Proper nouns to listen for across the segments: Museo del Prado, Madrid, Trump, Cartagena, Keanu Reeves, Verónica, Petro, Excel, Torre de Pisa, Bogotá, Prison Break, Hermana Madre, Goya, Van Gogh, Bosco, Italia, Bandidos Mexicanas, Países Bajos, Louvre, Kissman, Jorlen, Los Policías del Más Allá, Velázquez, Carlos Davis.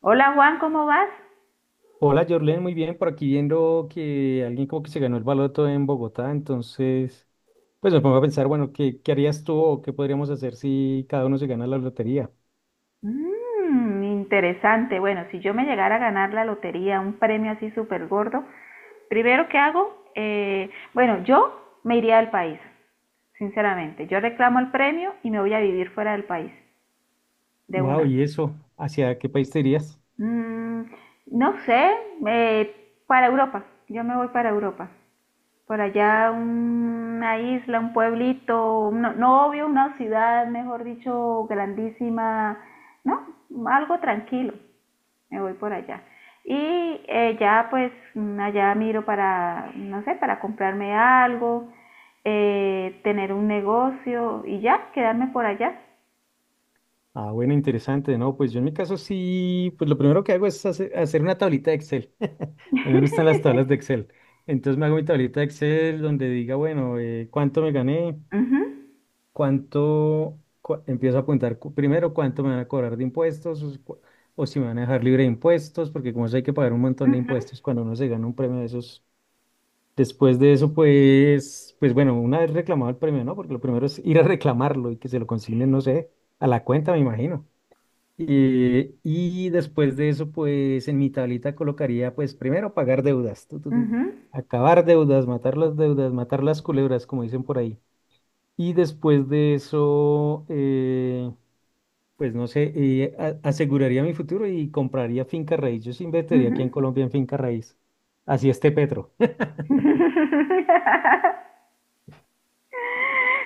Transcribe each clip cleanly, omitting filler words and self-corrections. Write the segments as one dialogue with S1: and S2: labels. S1: Hola Juan, ¿cómo vas?
S2: Hola, Jorlen, muy bien. Por aquí viendo que alguien como que se ganó el baloto en Bogotá, entonces, pues me pongo a pensar, bueno, ¿Qué harías tú o qué podríamos hacer si cada uno se gana la lotería?
S1: Mmm, interesante. Bueno, si yo me llegara a ganar la lotería, un premio así súper gordo, primero que hago, bueno, yo me iría del país, sinceramente. Yo reclamo el premio y me voy a vivir fuera del país, de
S2: Wow,
S1: una.
S2: ¿y eso? ¿Hacia qué país te irías?
S1: Mm, no sé, eh, para Europa. Yo me voy para Europa. Por allá una isla, un pueblito, no, no obvio, una ciudad, mejor dicho, grandísima, ¿no? Algo tranquilo, me voy por allá. Y ya pues allá miro para, no sé, para comprarme algo, tener un negocio y ya, quedarme por allá.
S2: Ah, bueno, interesante, ¿no? Pues yo en mi caso sí, pues lo primero que hago es hacer una tablita de Excel. A mí me gustan las tablas de Excel. Entonces me hago mi tablita de Excel donde diga, bueno, ¿cuánto me gané?
S1: Ujú,
S2: ¿ Empiezo a apuntar primero ¿cuánto me van a cobrar de impuestos, o si me van a dejar libre de impuestos? Porque como eso hay que pagar un montón de impuestos cuando uno se gana un premio de esos. Después de eso, pues, bueno, una vez reclamado el premio, ¿no? Porque lo primero es ir a reclamarlo y que se lo consignen, no sé, a la cuenta, me imagino. Y después de eso, pues en mi tablita colocaría pues primero pagar deudas,
S1: ujú,
S2: acabar deudas, matar las culebras, como dicen por ahí. Y después de eso, pues no sé, aseguraría mi futuro y compraría finca raíz. Yo sí invertiría
S1: ujú,
S2: aquí en Colombia en finca raíz. Así esté Petro.
S1: ujú.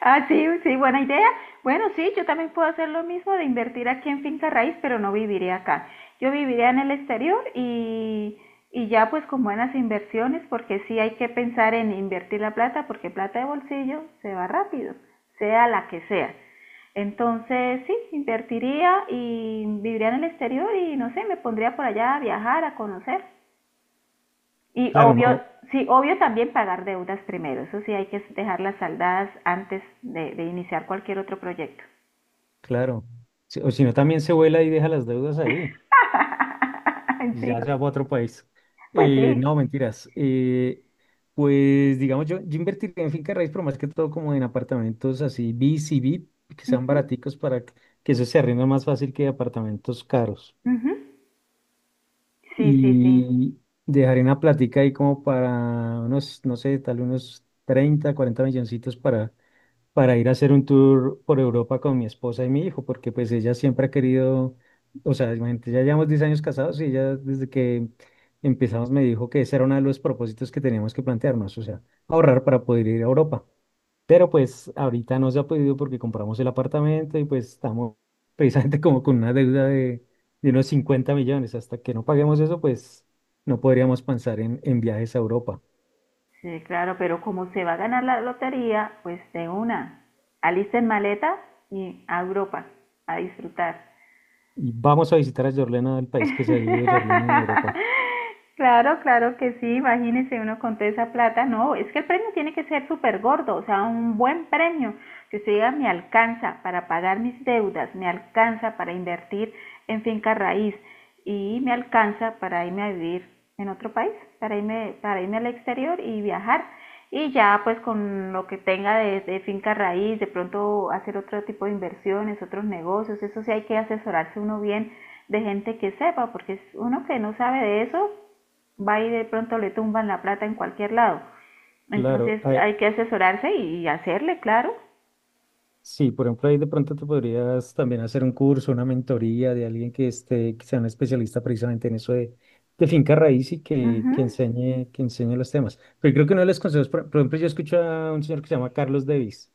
S1: Ah, sí, sí, buena idea. Bueno, sí, yo también puedo hacer lo mismo de invertir aquí en finca raíz, pero no viviré acá. Yo viviré en el exterior y ya pues con buenas inversiones, porque sí hay que pensar en invertir la plata, porque plata de bolsillo se va rápido, sea la que sea. Entonces, sí, invertiría y viviría en el exterior y no sé, me pondría por allá a viajar, a conocer. Y
S2: Claro,
S1: obvio,
S2: no,
S1: sí, obvio también pagar deudas primero. Eso sí, hay que dejarlas saldadas antes de iniciar cualquier otro proyecto.
S2: claro. O si no, también se vuela y deja las deudas ahí.
S1: Sí,
S2: Ya se va a otro país.
S1: pues sí.
S2: No, mentiras. Pues digamos, yo invertiría en finca raíz, pero más que todo como en apartamentos así, B C, B que sean
S1: Ujú,
S2: baraticos para que eso se arrienda más fácil que apartamentos caros.
S1: ujú. Sí, sí, sí.
S2: Y dejaré una plática ahí como para unos, no sé, tal unos 30 40 milloncitos para ir a hacer un tour por Europa con mi esposa y mi hijo, porque pues ella siempre ha querido, o sea, imagínate, ya llevamos 10 años casados y ella desde que empezamos me dijo que ese era uno de los propósitos que teníamos que plantearnos, o sea, ahorrar para poder ir a Europa. Pero pues ahorita no se ha podido porque compramos el apartamento y pues estamos precisamente como con una deuda de unos 50 millones. Hasta que no paguemos eso, pues no podríamos pensar en viajes a Europa.
S1: Sí, claro, pero como se va a ganar la lotería, pues de una. Alisten maleta y a Europa a disfrutar.
S2: Y vamos a visitar a Jorlena, el país que se ha ido Jorlena en Europa.
S1: Claro, claro que sí, imagínese uno con toda esa plata, no, es que el premio tiene que ser súper gordo, o sea, un buen premio, que usted diga, me alcanza para pagar mis deudas, me alcanza para invertir en finca raíz y me alcanza para irme a vivir en otro país, para irme al exterior y viajar. Y ya pues con lo que tenga de finca raíz, de pronto hacer otro tipo de inversiones, otros negocios, eso sí hay que asesorarse uno bien de gente que sepa, porque es uno que no sabe de eso va y de pronto le tumban la plata en cualquier lado.
S2: Claro,
S1: Entonces hay que asesorarse y hacerle, claro.
S2: sí, por ejemplo, ahí de pronto te podrías también hacer un curso, una mentoría de alguien que esté, que sea un especialista precisamente en eso de finca raíz y
S1: Ujú,
S2: que enseñe los temas. Pero creo que uno de los consejos, por ejemplo, yo escucho a un señor que se llama Carlos Davis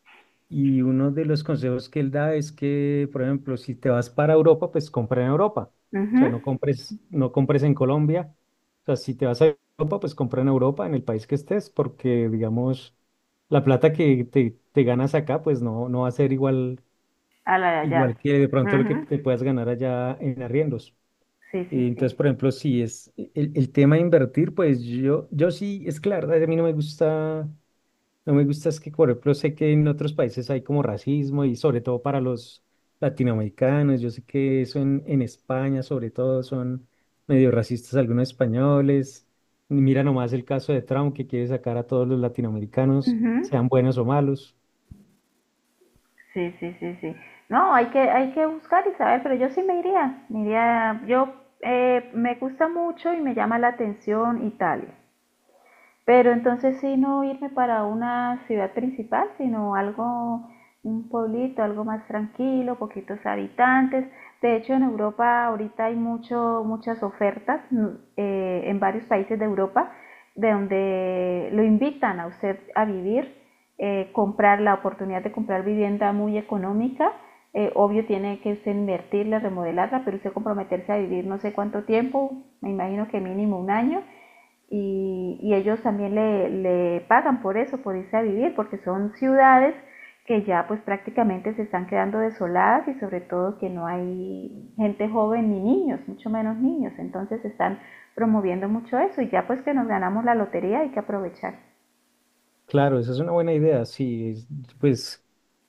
S2: y uno de los consejos que él da es que, por ejemplo, si te vas para Europa, pues compra en Europa. O
S1: ujú.
S2: sea, no compres, no compres en Colombia. O sea, si te vas a Europa, pues compra en Europa, en el país que estés, porque, digamos... la plata que te ganas acá, pues no, no va a ser igual,
S1: A la de allá.
S2: igual que de pronto lo que
S1: Ujú.
S2: te puedas ganar allá en arriendos.
S1: Sí,
S2: Y
S1: sí,
S2: entonces,
S1: sí.
S2: por ejemplo, si es el tema de invertir, pues yo sí, es claro, a mí no me gusta, no me gusta es que, por ejemplo, sé que en otros países hay como racismo y sobre todo para los latinoamericanos, yo sé que eso en España sobre todo son medio racistas algunos españoles. Mira nomás el caso de Trump que quiere sacar a todos los latinoamericanos,
S1: Ujú.
S2: sean buenos o malos.
S1: Sí, sí, sí, sí. No, hay que buscar y saber, pero yo sí me iría, yo me gusta mucho y me llama la atención Italia. Pero entonces sí no irme para una ciudad principal, sino algo, un pueblito, algo más tranquilo, poquitos habitantes. De hecho, en Europa ahorita hay mucho, muchas ofertas, en varios países de Europa de donde lo invitan a usted a vivir, comprar la oportunidad de comprar vivienda muy económica. Obvio tiene que usted invertirla, remodelarla, pero usted comprometerse a vivir no sé cuánto tiempo, me imagino que mínimo un año y ellos también le pagan por eso, por irse a vivir, porque son ciudades que ya pues prácticamente se están quedando desoladas y sobre todo que no hay gente joven ni niños, mucho menos niños. Entonces están promoviendo mucho eso y ya pues que nos ganamos la lotería hay que aprovechar.
S2: Claro, esa es una buena idea, sí, pues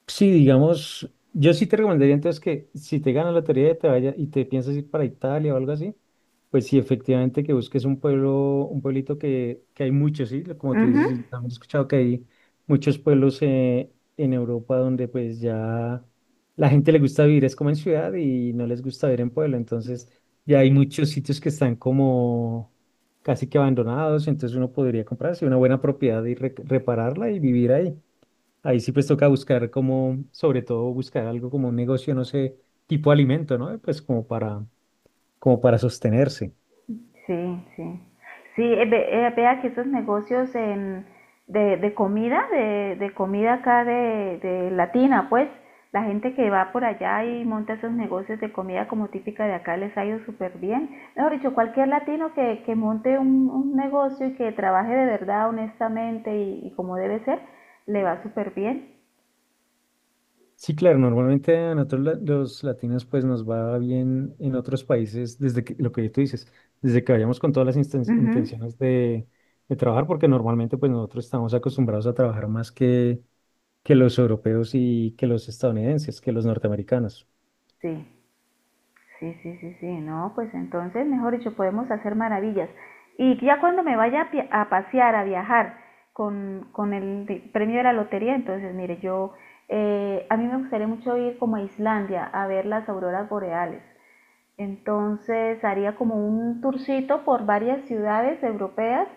S2: sí, digamos, yo sí te recomendaría entonces que si te ganas la lotería y te vaya y te piensas ir para Italia o algo así, pues sí, efectivamente que busques un pueblo, un pueblito que hay muchos, sí, como
S1: Uh
S2: tú dices,
S1: -huh.
S2: y también he escuchado que hay muchos pueblos en Europa donde pues ya la gente le gusta vivir es como en ciudad y no les gusta vivir en pueblo, entonces ya hay muchos sitios que están como casi que abandonados, entonces uno podría comprarse una buena propiedad y repararla y vivir ahí. Ahí sí pues toca buscar como, sobre todo buscar algo como un negocio, no sé, tipo alimento, ¿no? Pues como para, como para sostenerse.
S1: Sí, sí. Sí, vea que estos negocios, de comida, de comida acá de Latina, pues, la gente que va por allá y monta esos negocios de comida como típica de acá les ha ido súper bien. Mejor dicho, cualquier latino que monte un negocio y que trabaje de verdad, honestamente y como debe ser, le va súper bien.
S2: Sí, claro, normalmente a nosotros los latinos pues nos va bien en otros países desde que, lo que tú dices, desde que vayamos con todas las
S1: Ujú.
S2: intenciones de trabajar, porque normalmente pues nosotros estamos acostumbrados a trabajar más que los europeos y que los estadounidenses, que los norteamericanos.
S1: Sí. Sí, sí, sí, sí, no, pues entonces, mejor dicho, podemos hacer maravillas. Y ya cuando me vaya a pasear, a viajar con el premio de la lotería, entonces, mire, a mí me gustaría mucho ir como a Islandia a ver las auroras boreales. Entonces, haría como un tourcito por varias ciudades europeas,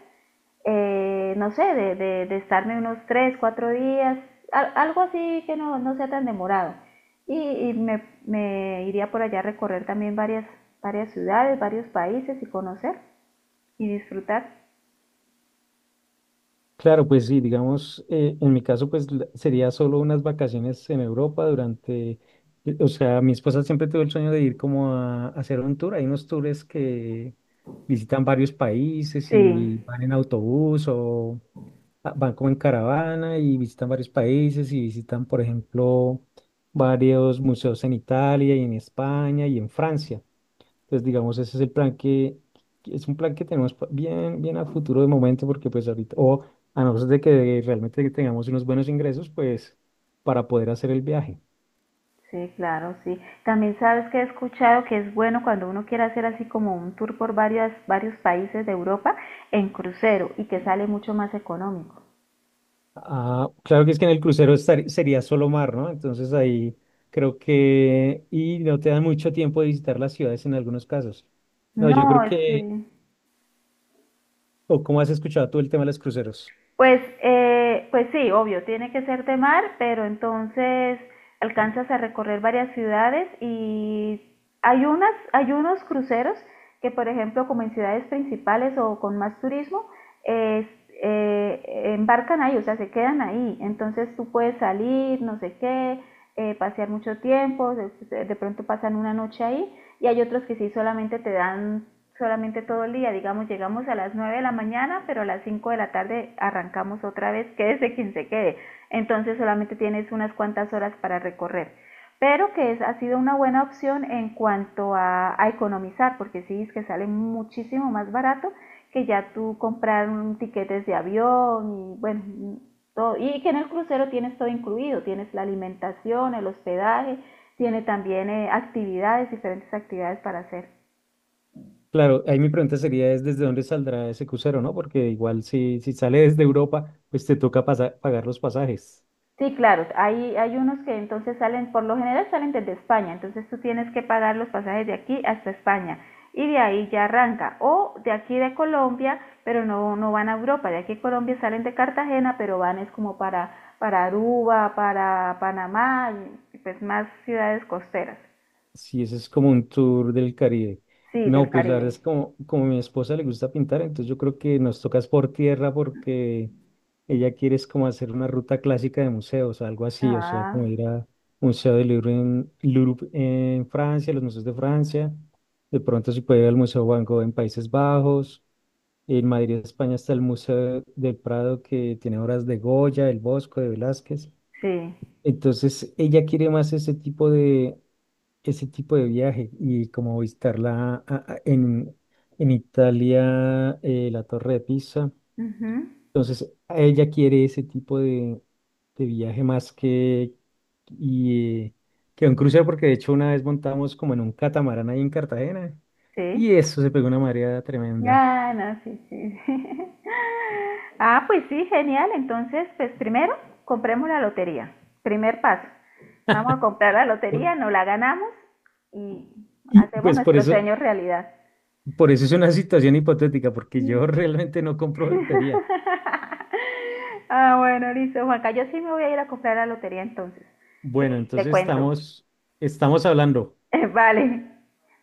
S1: no sé, estarme unos 3 4 días, algo así que no, no sea tan demorado. Y me iría por allá a recorrer también varias ciudades, varios países y conocer y disfrutar.
S2: Claro, pues sí, digamos, en mi caso, pues sería solo unas vacaciones en Europa durante, o sea, mi esposa siempre tuvo el sueño de ir como a hacer un tour. Hay unos tours que visitan varios países
S1: Sí,
S2: y van en autobús o ah, van como en caravana y visitan varios países y visitan, por ejemplo, varios museos en Italia y en España y en Francia. Entonces, digamos, ese es el plan que es un plan que tenemos bien, bien a futuro de momento, porque pues ahorita, o a no ser de que realmente tengamos unos buenos ingresos, pues para poder hacer el viaje.
S1: sí, claro, sí. También sabes que he escuchado que es bueno cuando uno quiere hacer así como un tour por varios países de Europa en crucero y que sale mucho más económico.
S2: Ah, claro que es que en el crucero sería solo mar, ¿no? Entonces ahí creo que, y no te dan mucho tiempo de visitar las ciudades en algunos casos. No,
S1: No,
S2: yo creo
S1: sí,
S2: que, o cómo has escuchado tú el tema de los cruceros.
S1: pues, pues sí, obvio, tiene que ser de mar, pero entonces alcanzas a recorrer varias ciudades y hay unos cruceros que, por ejemplo, como en ciudades principales o con más turismo, es- eh, embarcan ahí, o sea, se quedan ahí. Entonces tú puedes salir, no sé qué, pasear mucho tiempo, de pronto pasan una noche ahí y hay otros que sí solamente te dan solamente todo el día, digamos, llegamos a las 9 de la mañana, pero a las 5 de la tarde arrancamos otra vez, quédese quien se quede. Entonces solamente tienes unas cuantas horas para recorrer. Pero ha sido una buena opción en cuanto a economizar, porque sí es que sale muchísimo más barato que ya tú comprar un tiquetes de avión y bueno, todo. Y que en el crucero tienes todo incluido, tienes la alimentación, el hospedaje, tiene también actividades, diferentes actividades para hacer.
S2: Claro, ahí mi pregunta sería es desde dónde saldrá ese crucero, ¿no? Porque igual si, si sale desde Europa, pues te toca pagar los pasajes.
S1: Sí, claro, hay unos que entonces salen, por lo general salen desde España, entonces tú tienes que pagar los pasajes de aquí hasta España y de ahí ya arranca, o de aquí de Colombia, pero no, no van a Europa, de aquí a Colombia salen de Cartagena, pero van es como para, Aruba, para Panamá, pues más ciudades costeras,
S2: Si ese es como un tour del Caribe.
S1: sí, del
S2: No, pues la verdad
S1: Caribe.
S2: es como, como a mi esposa le gusta pintar, entonces yo creo que nos tocas por tierra porque ella quiere es como hacer una ruta clásica de museos, algo así, o sea, como
S1: Ah,
S2: ir a Museo del Louvre en, Louvre en Francia, los museos de Francia, de pronto si puede ir al Museo Van Gogh en Países Bajos. En Madrid, España, está el Museo del Prado que tiene obras de Goya, del Bosco, de Velázquez.
S1: sí,
S2: Entonces, ella quiere más ese tipo de viaje y como en Italia, la Torre de Pisa.
S1: ujú,
S2: Entonces, ella quiere ese tipo de viaje más que, y, eh, que un crucero, porque de hecho una vez montamos como en un catamarán ahí en Cartagena y
S1: sí.
S2: eso se pegó una marea tremenda.
S1: Ah, no, sí, sí, sí. Ah, pues sí, genial. Entonces, pues primero compremos la lotería. Primer paso. Vamos a comprar la lotería,
S2: Por-
S1: nos la ganamos y
S2: Y
S1: hacemos
S2: pues por
S1: nuestro
S2: eso.
S1: sueño realidad.
S2: Por eso es una situación hipotética, porque yo realmente no compro peluquería.
S1: Ah, bueno, listo, Juanca. Yo sí me voy a ir a comprar la lotería entonces. Y
S2: Bueno,
S1: le
S2: entonces
S1: cuento.
S2: estamos, estamos hablando.
S1: Vale.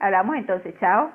S1: Hablamos entonces. Chao.